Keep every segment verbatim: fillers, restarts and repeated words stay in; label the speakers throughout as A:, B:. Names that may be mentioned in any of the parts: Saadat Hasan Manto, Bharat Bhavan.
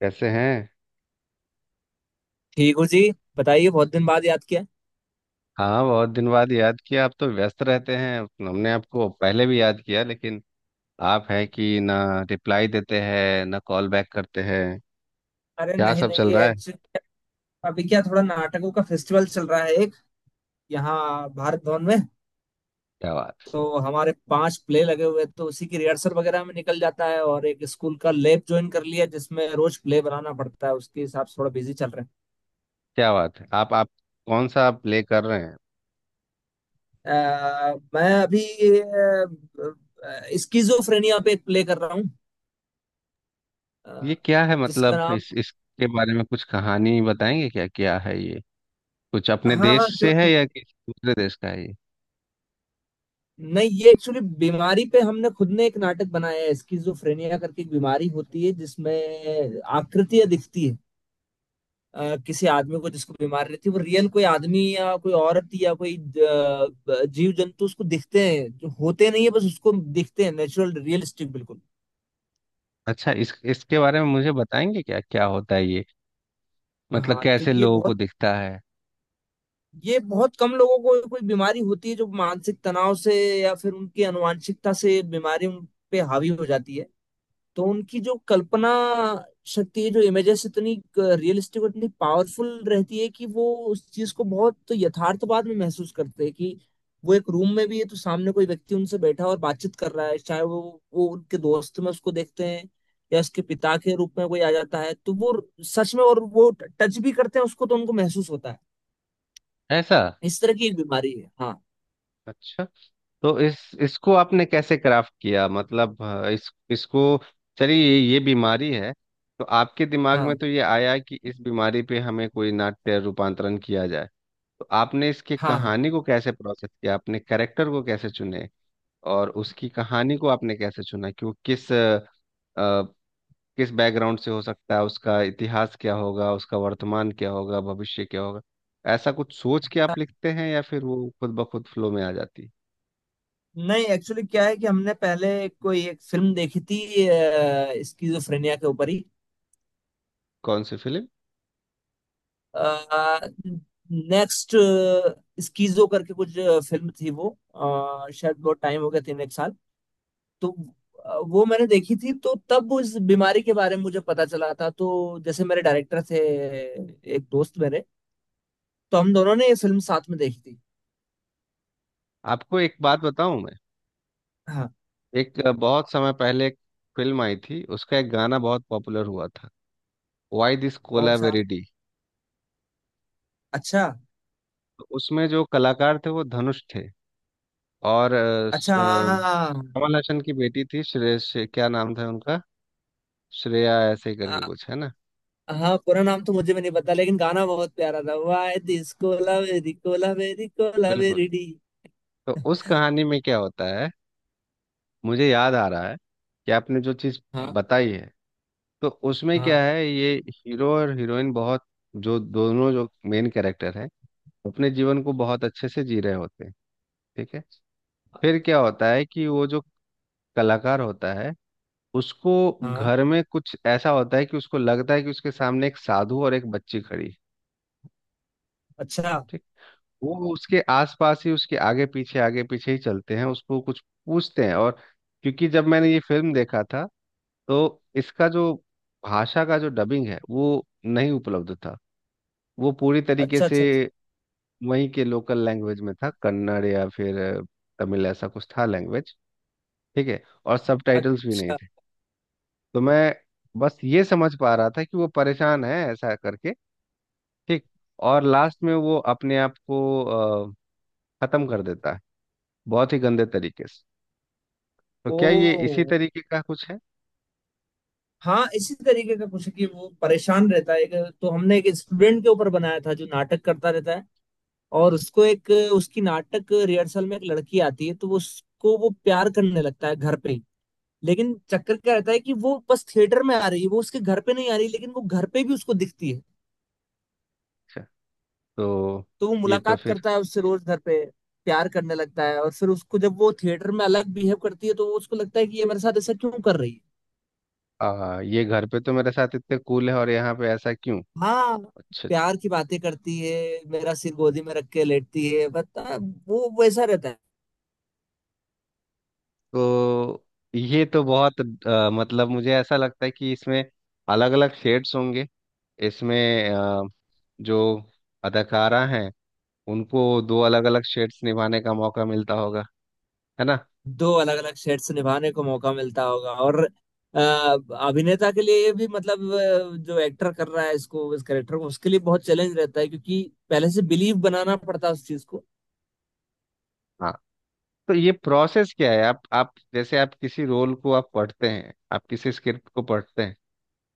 A: कैसे हैं।
B: ठीक हूँ जी। बताइए, बहुत दिन बाद याद किया।
A: हाँ, बहुत दिन बाद याद किया। आप तो व्यस्त रहते हैं। हमने आपको पहले भी याद किया, लेकिन आप हैं कि ना रिप्लाई देते हैं, ना कॉल बैक करते हैं।
B: अरे
A: क्या
B: नहीं
A: सब
B: नहीं,
A: चल
B: ये
A: रहा है?
B: एक्चुअली। अभी क्या, थोड़ा नाटकों का फेस्टिवल चल रहा है, एक यहाँ भारत भवन में।
A: क्या बात।
B: तो हमारे पांच प्ले लगे हुए हैं, तो उसी की रिहर्सल वगैरह में निकल जाता है, और एक स्कूल का लैब ज्वाइन कर लिया जिसमें रोज प्ले बनाना पड़ता है, उसके हिसाब से थोड़ा बिजी चल रहे
A: क्या बात है। आप आप कौन सा प्ले कर रहे हैं?
B: हैं। अ, मैं अभी स्किजोफ्रेनिया पे एक प्ले कर रहा हूँ, अ,
A: ये क्या है?
B: जिसका
A: मतलब
B: नाम।
A: इस इसके बारे में कुछ कहानी बताएंगे, क्या क्या है ये? कुछ अपने
B: हाँ हाँ,
A: देश
B: क्यों
A: से है
B: नहीं।
A: या किसी दूसरे देश का है ये?
B: नहीं, ये एक्चुअली बीमारी पे हमने खुद ने एक नाटक बनाया है। स्किज़ोफ्रेनिया करके एक बीमारी होती है जिसमें आकृतियां दिखती है। अ, किसी आदमी को जिसको बीमारी रहती है, वो रियल कोई आदमी या कोई औरत या कोई जीव जंतु उसको दिखते हैं जो होते नहीं है, बस उसको दिखते हैं। नेचुरल, रियलिस्टिक बिल्कुल।
A: अच्छा, इस इसके बारे में मुझे बताएंगे, क्या क्या होता है ये? मतलब
B: हाँ, तो
A: कैसे
B: ये
A: लोगों को
B: बहुत
A: दिखता है?
B: ये बहुत कम लोगों को कोई बीमारी होती है जो मानसिक तनाव से या फिर उनकी अनुवांशिकता से बीमारी उन पे हावी हो जाती है। तो उनकी जो कल्पना शक्ति है, जो इमेजेस इतनी रियलिस्टिक और इतनी पावरफुल रहती है कि वो उस चीज को बहुत यथार्थवाद में महसूस करते हैं। कि वो एक रूम में भी है तो सामने कोई व्यक्ति उनसे बैठा और बातचीत कर रहा है, चाहे वो वो उनके दोस्त में उसको देखते हैं या उसके पिता के रूप में कोई आ जाता है तो वो सच में। और वो टच भी करते हैं उसको, तो उनको महसूस होता है।
A: ऐसा?
B: इस तरह की एक बीमारी है, हाँ
A: अच्छा, तो इस इसको आपने कैसे क्राफ्ट किया? मतलब अ, इस इसको चलिए ये ये बीमारी है। तो आपके दिमाग में
B: हाँ
A: तो ये आया कि इस बीमारी पे हमें कोई नाट्य रूपांतरण किया जाए। तो आपने इसकी
B: हाँ हाँ।
A: कहानी को कैसे प्रोसेस किया? आपने कैरेक्टर को कैसे चुने? और उसकी कहानी को आपने कैसे चुना कि वो किस अ, अ, किस बैकग्राउंड से हो सकता है? उसका इतिहास क्या होगा, उसका वर्तमान क्या होगा, भविष्य क्या होगा? ऐसा कुछ सोच के
B: हाँ।
A: आप लिखते हैं या फिर वो खुद ब खुद फ्लो में आ जाती है?
B: नहीं, एक्चुअली क्या है कि हमने पहले कोई एक फिल्म देखी थी, स्किजोफ्रेनिया के ऊपर ही।
A: कौन सी फिल्म?
B: नेक्स्ट स्कीजो करके कुछ फिल्म थी वो। अ, शायद बहुत टाइम हो गया, तीन एक साल। तो अ, वो मैंने देखी थी, तो तब उस बीमारी के बारे में मुझे पता चला था। तो जैसे मेरे डायरेक्टर थे, एक दोस्त मेरे, तो हम दोनों ने ये फिल्म साथ में देखी थी।
A: आपको एक बात बताऊं मैं।
B: हाँ।
A: एक बहुत समय पहले एक फिल्म आई थी, उसका एक गाना बहुत पॉपुलर हुआ था, वाई दिस
B: कौन सा?
A: कोलावेरिडी।
B: अच्छा।
A: तो उसमें जो कलाकार थे वो धनुष थे, और अ, स-
B: अच्छा
A: अ,
B: हाँ हाँ हाँ
A: कमल हसन की बेटी थी, श्रेय श्रे- क्या नाम था उनका, श्रेया ऐसे ही
B: हाँ।
A: करके कुछ है ना?
B: अ, हाँ, पूरा नाम तो मुझे भी नहीं पता, लेकिन गाना बहुत प्यारा था, why this Kolaveri Kolaveri कोला
A: बिल्कुल।
B: वेरी डी।
A: तो उस कहानी में क्या होता है, मुझे याद आ रहा है कि आपने जो चीज
B: हाँ
A: बताई है। तो उसमें
B: हाँ
A: क्या है, ये हीरो और हीरोइन, बहुत, जो दोनों जो मेन कैरेक्टर है, अपने जीवन को बहुत अच्छे से जी रहे होते हैं। ठीक है। फिर क्या होता है कि वो जो कलाकार होता है, उसको
B: हाँ।
A: घर में कुछ ऐसा होता है कि उसको लगता है कि उसके सामने एक साधु और एक बच्ची खड़ी है।
B: अच्छा
A: ठीक। वो उसके आसपास ही, उसके आगे पीछे आगे पीछे ही चलते हैं, उसको कुछ पूछते हैं। और क्योंकि जब मैंने ये फिल्म देखा था, तो इसका जो भाषा का जो डबिंग है वो नहीं उपलब्ध था, वो पूरी तरीके
B: अच्छा
A: से
B: अच्छा। अच्छा।
A: वहीं के लोकल लैंग्वेज में था, कन्नड़ या फिर तमिल ऐसा कुछ था लैंग्वेज। ठीक है, और सब टाइटल्स भी नहीं
B: अच्छा।
A: थे। तो मैं बस ये समझ पा रहा था कि वो परेशान है ऐसा करके। ठीक। और लास्ट में वो अपने आप को अ, खत्म कर देता है, बहुत ही गंदे तरीके से। तो
B: ओ।
A: क्या ये इसी तरीके का कुछ है?
B: हाँ, इसी तरीके का कुछ है कि वो परेशान रहता है, एक- तो हमने एक स्टूडेंट के ऊपर बनाया था जो नाटक करता रहता है। और उसको एक, उसकी नाटक रिहर्सल में एक लड़की आती है, तो वो उसको वो प्यार करने लगता है घर पे ही। लेकिन चक्कर क्या रहता है कि वो बस थिएटर में आ रही है, वो उसके घर पे नहीं आ रही, लेकिन वो घर पे भी उसको दिखती है।
A: अच्छा, तो
B: तो वो
A: ये तो
B: मुलाकात
A: फिर।
B: करता है उससे रोज घर पे, प्यार करने लगता है, और फिर उसको जब वो थिएटर में अलग बिहेव करती है तो उसको लगता है कि ये मेरे साथ ऐसा क्यों कर रही है।
A: आ, ये घर पे तो मेरे साथ इतने कूल है और यहाँ पे ऐसा क्यों?
B: हाँ।
A: अच्छा, अच्छा।
B: प्यार की बातें करती है, मेरा सिर गोदी में रख के लेटती है, बता। वो वैसा रहता है।
A: तो ये तो बहुत अ, मतलब मुझे ऐसा लगता है कि इसमें अलग अलग शेड्स होंगे, इसमें अ, जो अदाकारा हैं, उनको दो अलग अलग शेड्स निभाने का मौका मिलता होगा, है ना?
B: दो अलग अलग शेड्स निभाने को मौका मिलता होगा, और अ, अभिनेता के लिए ये भी, मतलब अ, जो एक्टर कर रहा है इसको, इस करेक्टर को, उसके लिए बहुत चैलेंज रहता है, क्योंकि पहले से बिलीव बनाना पड़ता है उस चीज को।
A: हाँ। तो ये प्रोसेस क्या है? आप आप जैसे आप किसी रोल को आप पढ़ते हैं, आप किसी स्क्रिप्ट को पढ़ते हैं।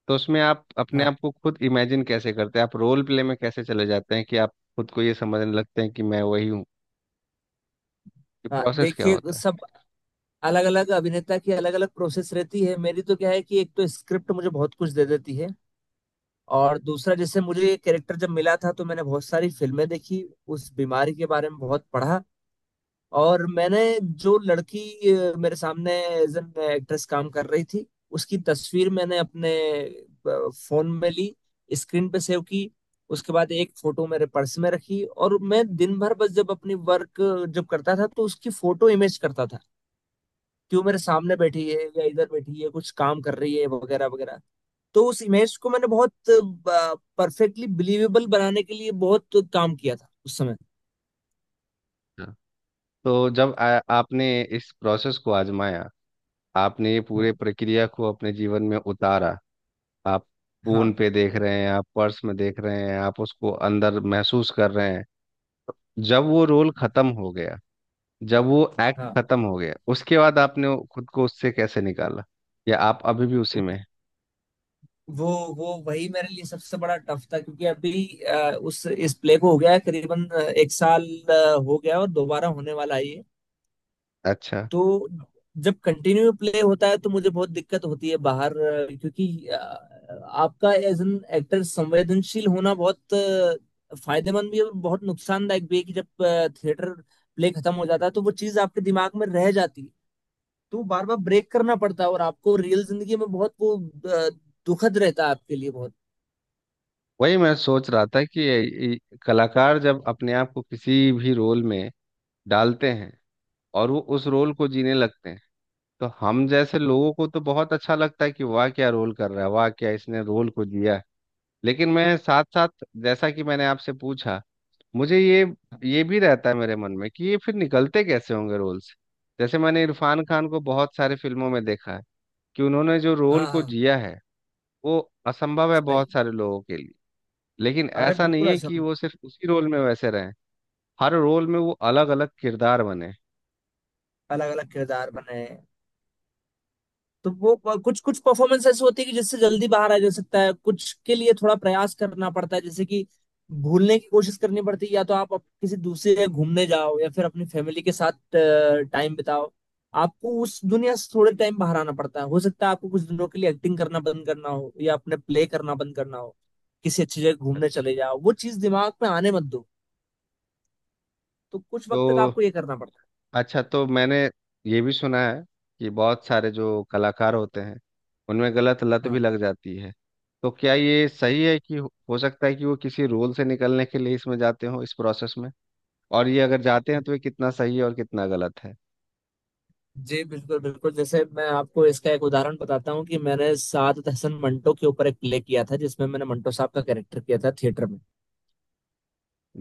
A: तो उसमें आप अपने
B: हाँ
A: आप को खुद इमेजिन कैसे करते हैं? आप रोल प्ले में कैसे चले जाते हैं कि आप खुद को ये समझने लगते हैं कि मैं वही हूँ? ये
B: हाँ,
A: प्रोसेस क्या
B: देखिए
A: होता है?
B: सब अलग अलग अभिनेता की अलग अलग प्रोसेस रहती है। मेरी तो क्या है कि एक तो स्क्रिप्ट मुझे बहुत कुछ दे देती है, और दूसरा जैसे मुझे ये कैरेक्टर जब मिला था तो मैंने बहुत सारी फिल्में देखी, उस बीमारी के बारे में बहुत पढ़ा। और मैंने जो लड़की अ, मेरे सामने एज एन एक्ट्रेस काम कर रही थी, उसकी तस्वीर मैंने अपने अ, फोन में ली, स्क्रीन पे सेव की। उसके बाद एक फोटो मेरे पर्स में रखी, और मैं दिन भर बस जब अपनी वर्क जब करता था तो उसकी फोटो इमेज करता था कि वो मेरे सामने बैठी है या इधर बैठी है कुछ काम कर रही है वगैरह वगैरह। तो उस इमेज को मैंने बहुत परफेक्टली बिलीवेबल बनाने के लिए बहुत काम किया था उस समय।
A: हाँ। तो जब आ, आपने इस प्रोसेस को आजमाया, आपने ये
B: हाँ
A: पूरे प्रक्रिया को अपने जीवन में उतारा। आप
B: हाँ
A: फोन पे देख रहे हैं, आप पर्स में देख रहे हैं, आप उसको अंदर महसूस कर रहे हैं। जब वो रोल खत्म हो गया, जब वो एक्ट
B: हाँ।
A: खत्म हो गया, उसके बाद आपने वो- खुद को उससे कैसे निकाला? या आप अभी भी उसी में हैं?
B: वो वो वही मेरे लिए सबसे बड़ा टफ था, क्योंकि अभी अ, उस इस प्ले को हो गया है करीबन अ, एक साल अ, हो गया, और दोबारा होने वाला है ये।
A: अच्छा।
B: तो जब कंटिन्यू प्ले होता है तो मुझे बहुत दिक्कत होती है बाहर, अ, क्योंकि अ, आपका एज एन एक्टर संवेदनशील होना बहुत अ, फायदेमंद भी है और बहुत नुकसानदायक भी है, कि जब थिएटर प्ले खत्म हो जाता है तो वो चीज आपके दिमाग में रह जाती है। तो बार बार ब्रेक करना पड़ता है, और आपको रियल जिंदगी में बहुत वो, अ, दुखद रहता है आपके लिए बहुत।
A: वही मैं सोच रहा था कि ये- ये कलाकार जब अपने आप को किसी भी रोल में डालते हैं और वो उस रोल को जीने लगते हैं, तो हम जैसे लोगों को तो बहुत अच्छा लगता है कि वाह क्या रोल कर रहा है, वाह क्या इसने रोल को जिया है। लेकिन मैं साथ साथ, जैसा कि मैंने आपसे पूछा, मुझे ये ये भी रहता है मेरे मन में कि ये फिर निकलते कैसे होंगे रोल से। जैसे मैंने इरफान खान को बहुत सारी फिल्मों में देखा है कि उन्होंने जो
B: हाँ
A: रोल को
B: हाँ,
A: जिया है, वो असंभव है
B: सही।
A: बहुत सारे लोगों के लिए। लेकिन
B: अरे
A: ऐसा नहीं
B: बिल्कुल
A: है कि
B: असल।
A: वो सिर्फ उसी रोल में वैसे रहें, हर रोल में वो अलग अलग किरदार बने।
B: अलग अलग किरदार बने हैं। तो वो कुछ कुछ परफॉर्मेंस ऐसी होती है कि जिससे जल्दी बाहर आ जा सकता है, कुछ के लिए थोड़ा प्रयास करना पड़ता है, जैसे कि भूलने की कोशिश करनी पड़ती है, या तो आप अप- किसी दूसरे जगह घूमने जाओ या फिर अपनी फैमिली के साथ टाइम बिताओ। आपको उस दुनिया से थोड़े टाइम बाहर आना पड़ता है, हो सकता है आपको कुछ दिनों के लिए एक्टिंग करना बंद करना हो या अपने प्ले करना बंद करना हो, किसी अच्छी जगह घूमने
A: अच्छा।
B: चले जाओ, वो चीज दिमाग में आने मत दो। तो कुछ
A: तो
B: वक्त तक आपको ये करना पड़ता
A: अच्छा तो मैंने ये भी सुना है कि बहुत सारे जो कलाकार होते हैं, उनमें गलत लत
B: है।
A: भी
B: हाँ
A: लग जाती है। तो क्या ये सही है कि हो हो सकता है कि वो किसी रोल से निकलने के लिए इसमें जाते हो, इस प्रोसेस में, और ये अगर जाते हैं तो ये कितना सही है और कितना गलत है?
B: जी, बिल्कुल बिल्कुल। जैसे मैं आपको इसका एक उदाहरण बताता हूँ कि मैंने सादत हसन मंटो के ऊपर एक प्ले किया था जिसमें मैंने मंटो साहब का कैरेक्टर किया था थिएटर में।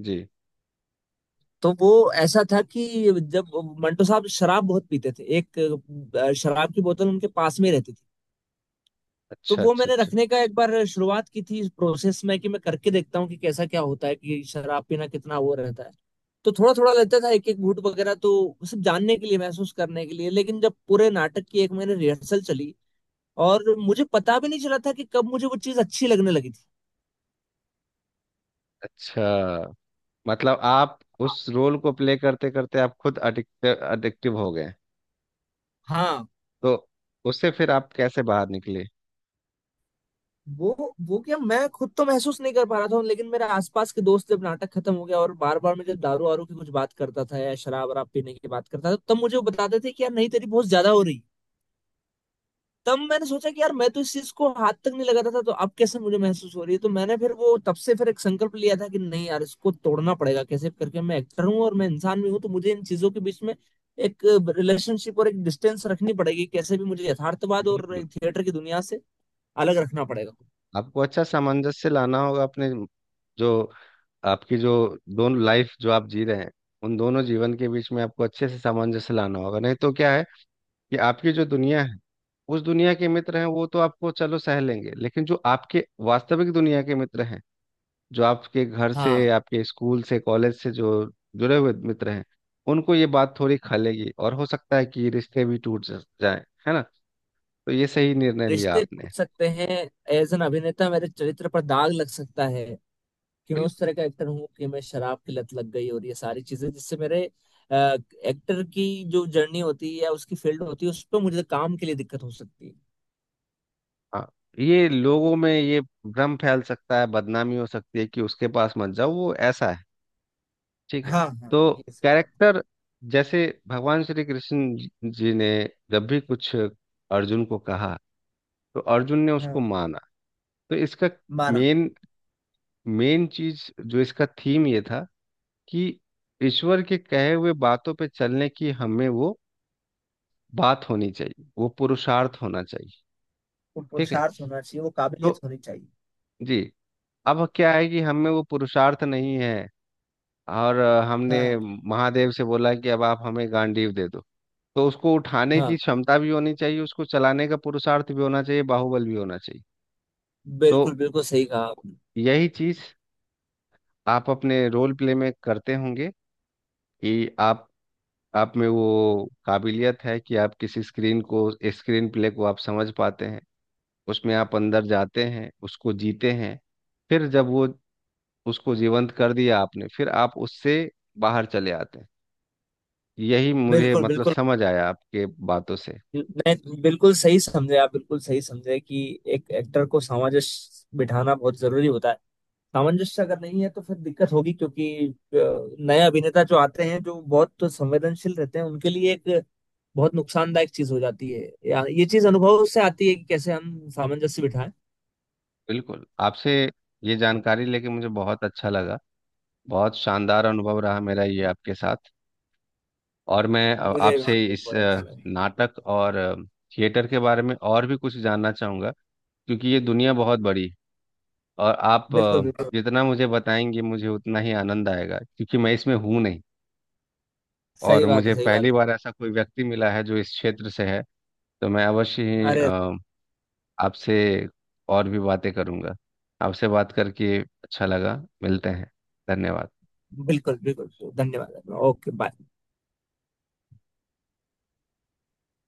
A: जी।
B: तो वो ऐसा था कि जब मंटो साहब शराब बहुत पीते थे, एक अ, शराब की बोतल उनके पास में ही रहती थी। तो
A: अच्छा,
B: वो
A: अच्छा,
B: मैंने
A: अच्छा।
B: रखने का एक बार शुरुआत की थी इस प्रोसेस में, कि मैं करके देखता हूँ कि कैसा क्या होता है, कि शराब पीना कितना वो रहता है। तो थोड़ा थोड़ा लगता था, एक एक घूंट वगैरह, तो सिर्फ जानने के लिए, महसूस करने के लिए। लेकिन जब पूरे नाटक की एक महीने रिहर्सल चली, और मुझे पता भी नहीं चला था कि कब मुझे वो चीज अच्छी लगने लगी थी।
A: अच्छा, मतलब आप उस रोल को प्ले करते करते आप खुद अडिक्ट अडिक्टिव हो गए।
B: हाँ।
A: तो उससे फिर आप कैसे बाहर निकले?
B: वो वो क्या, मैं खुद तो महसूस नहीं कर पा रहा था, लेकिन मेरे आसपास के दोस्त, जब नाटक खत्म हो गया और बार बार मैं जब दारू वारू की कुछ बात करता था या शराब वराब पीने की बात करता था, तब मुझे वो बताते थे कि यार नहीं, तेरी बहुत ज्यादा हो रही है। तब मैंने सोचा कि यार, मैं तो इस चीज को हाथ तक नहीं लगाता था, तो अब कैसे मुझे महसूस हो रही है। तो मैंने फिर वो, तब से फिर एक संकल्प लिया था कि नहीं यार, इसको तोड़ना पड़ेगा कैसे भी करके। मैं एक्टर हूँ और मैं इंसान भी हूँ, तो मुझे इन चीजों के बीच में एक रिलेशनशिप और एक डिस्टेंस रखनी पड़ेगी। कैसे भी मुझे यथार्थवाद और
A: बिल्कुल।
B: थिएटर की दुनिया से अलग रखना पड़ेगा।
A: आपको अच्छा सामंजस्य लाना होगा अपने, जो आपकी जो दोनों लाइफ जो आप जी रहे हैं, उन दोनों जीवन के बीच में आपको अच्छे से सामंजस्य लाना होगा। नहीं तो क्या है कि आपकी जो दुनिया है, उस दुनिया के मित्र हैं वो तो आपको चलो सह लेंगे, लेकिन जो आपके वास्तविक दुनिया के मित्र हैं, जो आपके घर
B: हाँ,
A: से, आपके स्कूल से, कॉलेज से जो जुड़े हुए मित्र हैं, उनको ये बात थोड़ी खलेगी, और हो सकता है कि रिश्ते भी टूट जा- जाए, है ना? तो ये सही निर्णय लिया
B: रिश्ते
A: आपने।
B: टूट सकते हैं। एज एन अभिनेता मेरे चरित्र पर दाग लग सकता है, कि मैं
A: बिल्कुल।
B: उस तरह का एक्टर हूँ, कि मैं शराब की लत लग गई और ये सारी चीजें, जिससे मेरे अ, एक्टर की जो जर्नी होती है या उसकी फील्ड होती है उस पर मुझे काम के लिए दिक्कत हो सकती है।
A: हाँ, ये लोगों में ये भ्रम फैल सकता है, बदनामी हो सकती है कि उसके पास मत जाओ, वो ऐसा है। ठीक है।
B: हाँ हाँ,
A: तो
B: ये सही बात
A: कैरेक्टर जैसे भगवान श्री कृष्ण जी जी ने जब भी कुछ अर्जुन को कहा, तो अर्जुन ने
B: है।
A: उसको
B: हाँ,
A: माना। तो इसका
B: माना।
A: मेन मेन चीज जो इसका थीम ये था कि ईश्वर के कहे हुए बातों पे चलने की हमें वो बात होनी चाहिए, वो पुरुषार्थ होना चाहिए।
B: वो
A: ठीक है।
B: पुरुषार्थ होना चाहिए, वो
A: तो
B: काबिलियत होनी चाहिए।
A: जी, अब क्या है कि हमें वो पुरुषार्थ नहीं है, और अ, हमने
B: हाँ
A: महादेव से बोला कि अब आप हमें गांडीव दे दो। तो उसको उठाने की
B: हाँ,
A: क्षमता भी होनी चाहिए, उसको चलाने का पुरुषार्थ भी होना चाहिए, बाहुबल भी होना चाहिए। तो
B: बिल्कुल बिल्कुल, सही कहा आपने।
A: यही चीज आप अपने रोल प्ले में करते होंगे कि आप आप में वो काबिलियत है कि आप किसी स्क्रीन को, स्क्रीन प्ले को आप समझ पाते हैं, उसमें आप अंदर जाते हैं, उसको जीते हैं। फिर जब वो उसको जीवंत कर दिया आपने, फिर आप उससे बाहर चले आते हैं। यही मुझे
B: बिल्कुल
A: मतलब
B: बिल्कुल।
A: समझ आया आपके बातों से।
B: नहीं, बिल्कुल सही समझे आप, बिल्कुल सही समझे कि एक एक्टर को सामंजस्य बिठाना बहुत जरूरी होता है। सामंजस्य अगर नहीं है तो फिर दिक्कत होगी, क्योंकि अ, नए अभिनेता जो आते हैं जो बहुत संवेदनशील रहते हैं, उनके लिए एक बहुत नुकसानदायक चीज हो जाती है, या ये चीज अनुभव से आती है कि कैसे हम सामंजस्य बिठाएं।
A: बिल्कुल। आपसे ये जानकारी लेके मुझे बहुत अच्छा लगा। बहुत शानदार अनुभव रहा मेरा ये आपके साथ। और मैं अ,
B: मुझे
A: आपसे
B: मुझे
A: इस
B: बहुत अच्छा
A: अ,
B: लगा।
A: नाटक और अ, थिएटर के बारे में और भी कुछ जानना चाहूँगा। क्योंकि ये दुनिया बहुत बड़ी है, और आप अ,
B: बिल्कुल बिल्कुल।
A: जितना मुझे बताएंगे मुझे उतना ही आनंद आएगा, क्योंकि मैं इसमें हूँ नहीं। और
B: सही बात
A: मुझे
B: है, सही
A: पहली
B: बात
A: बार ऐसा कोई व्यक्ति मिला है जो इस क्षेत्र से है। तो मैं अवश्य
B: है।
A: ही
B: अरे
A: आपसे और भी बातें करूंगा। आपसे बात करके अच्छा लगा। मिलते हैं। धन्यवाद।
B: बिल्कुल बिल्कुल। धन्यवाद। Okay bye.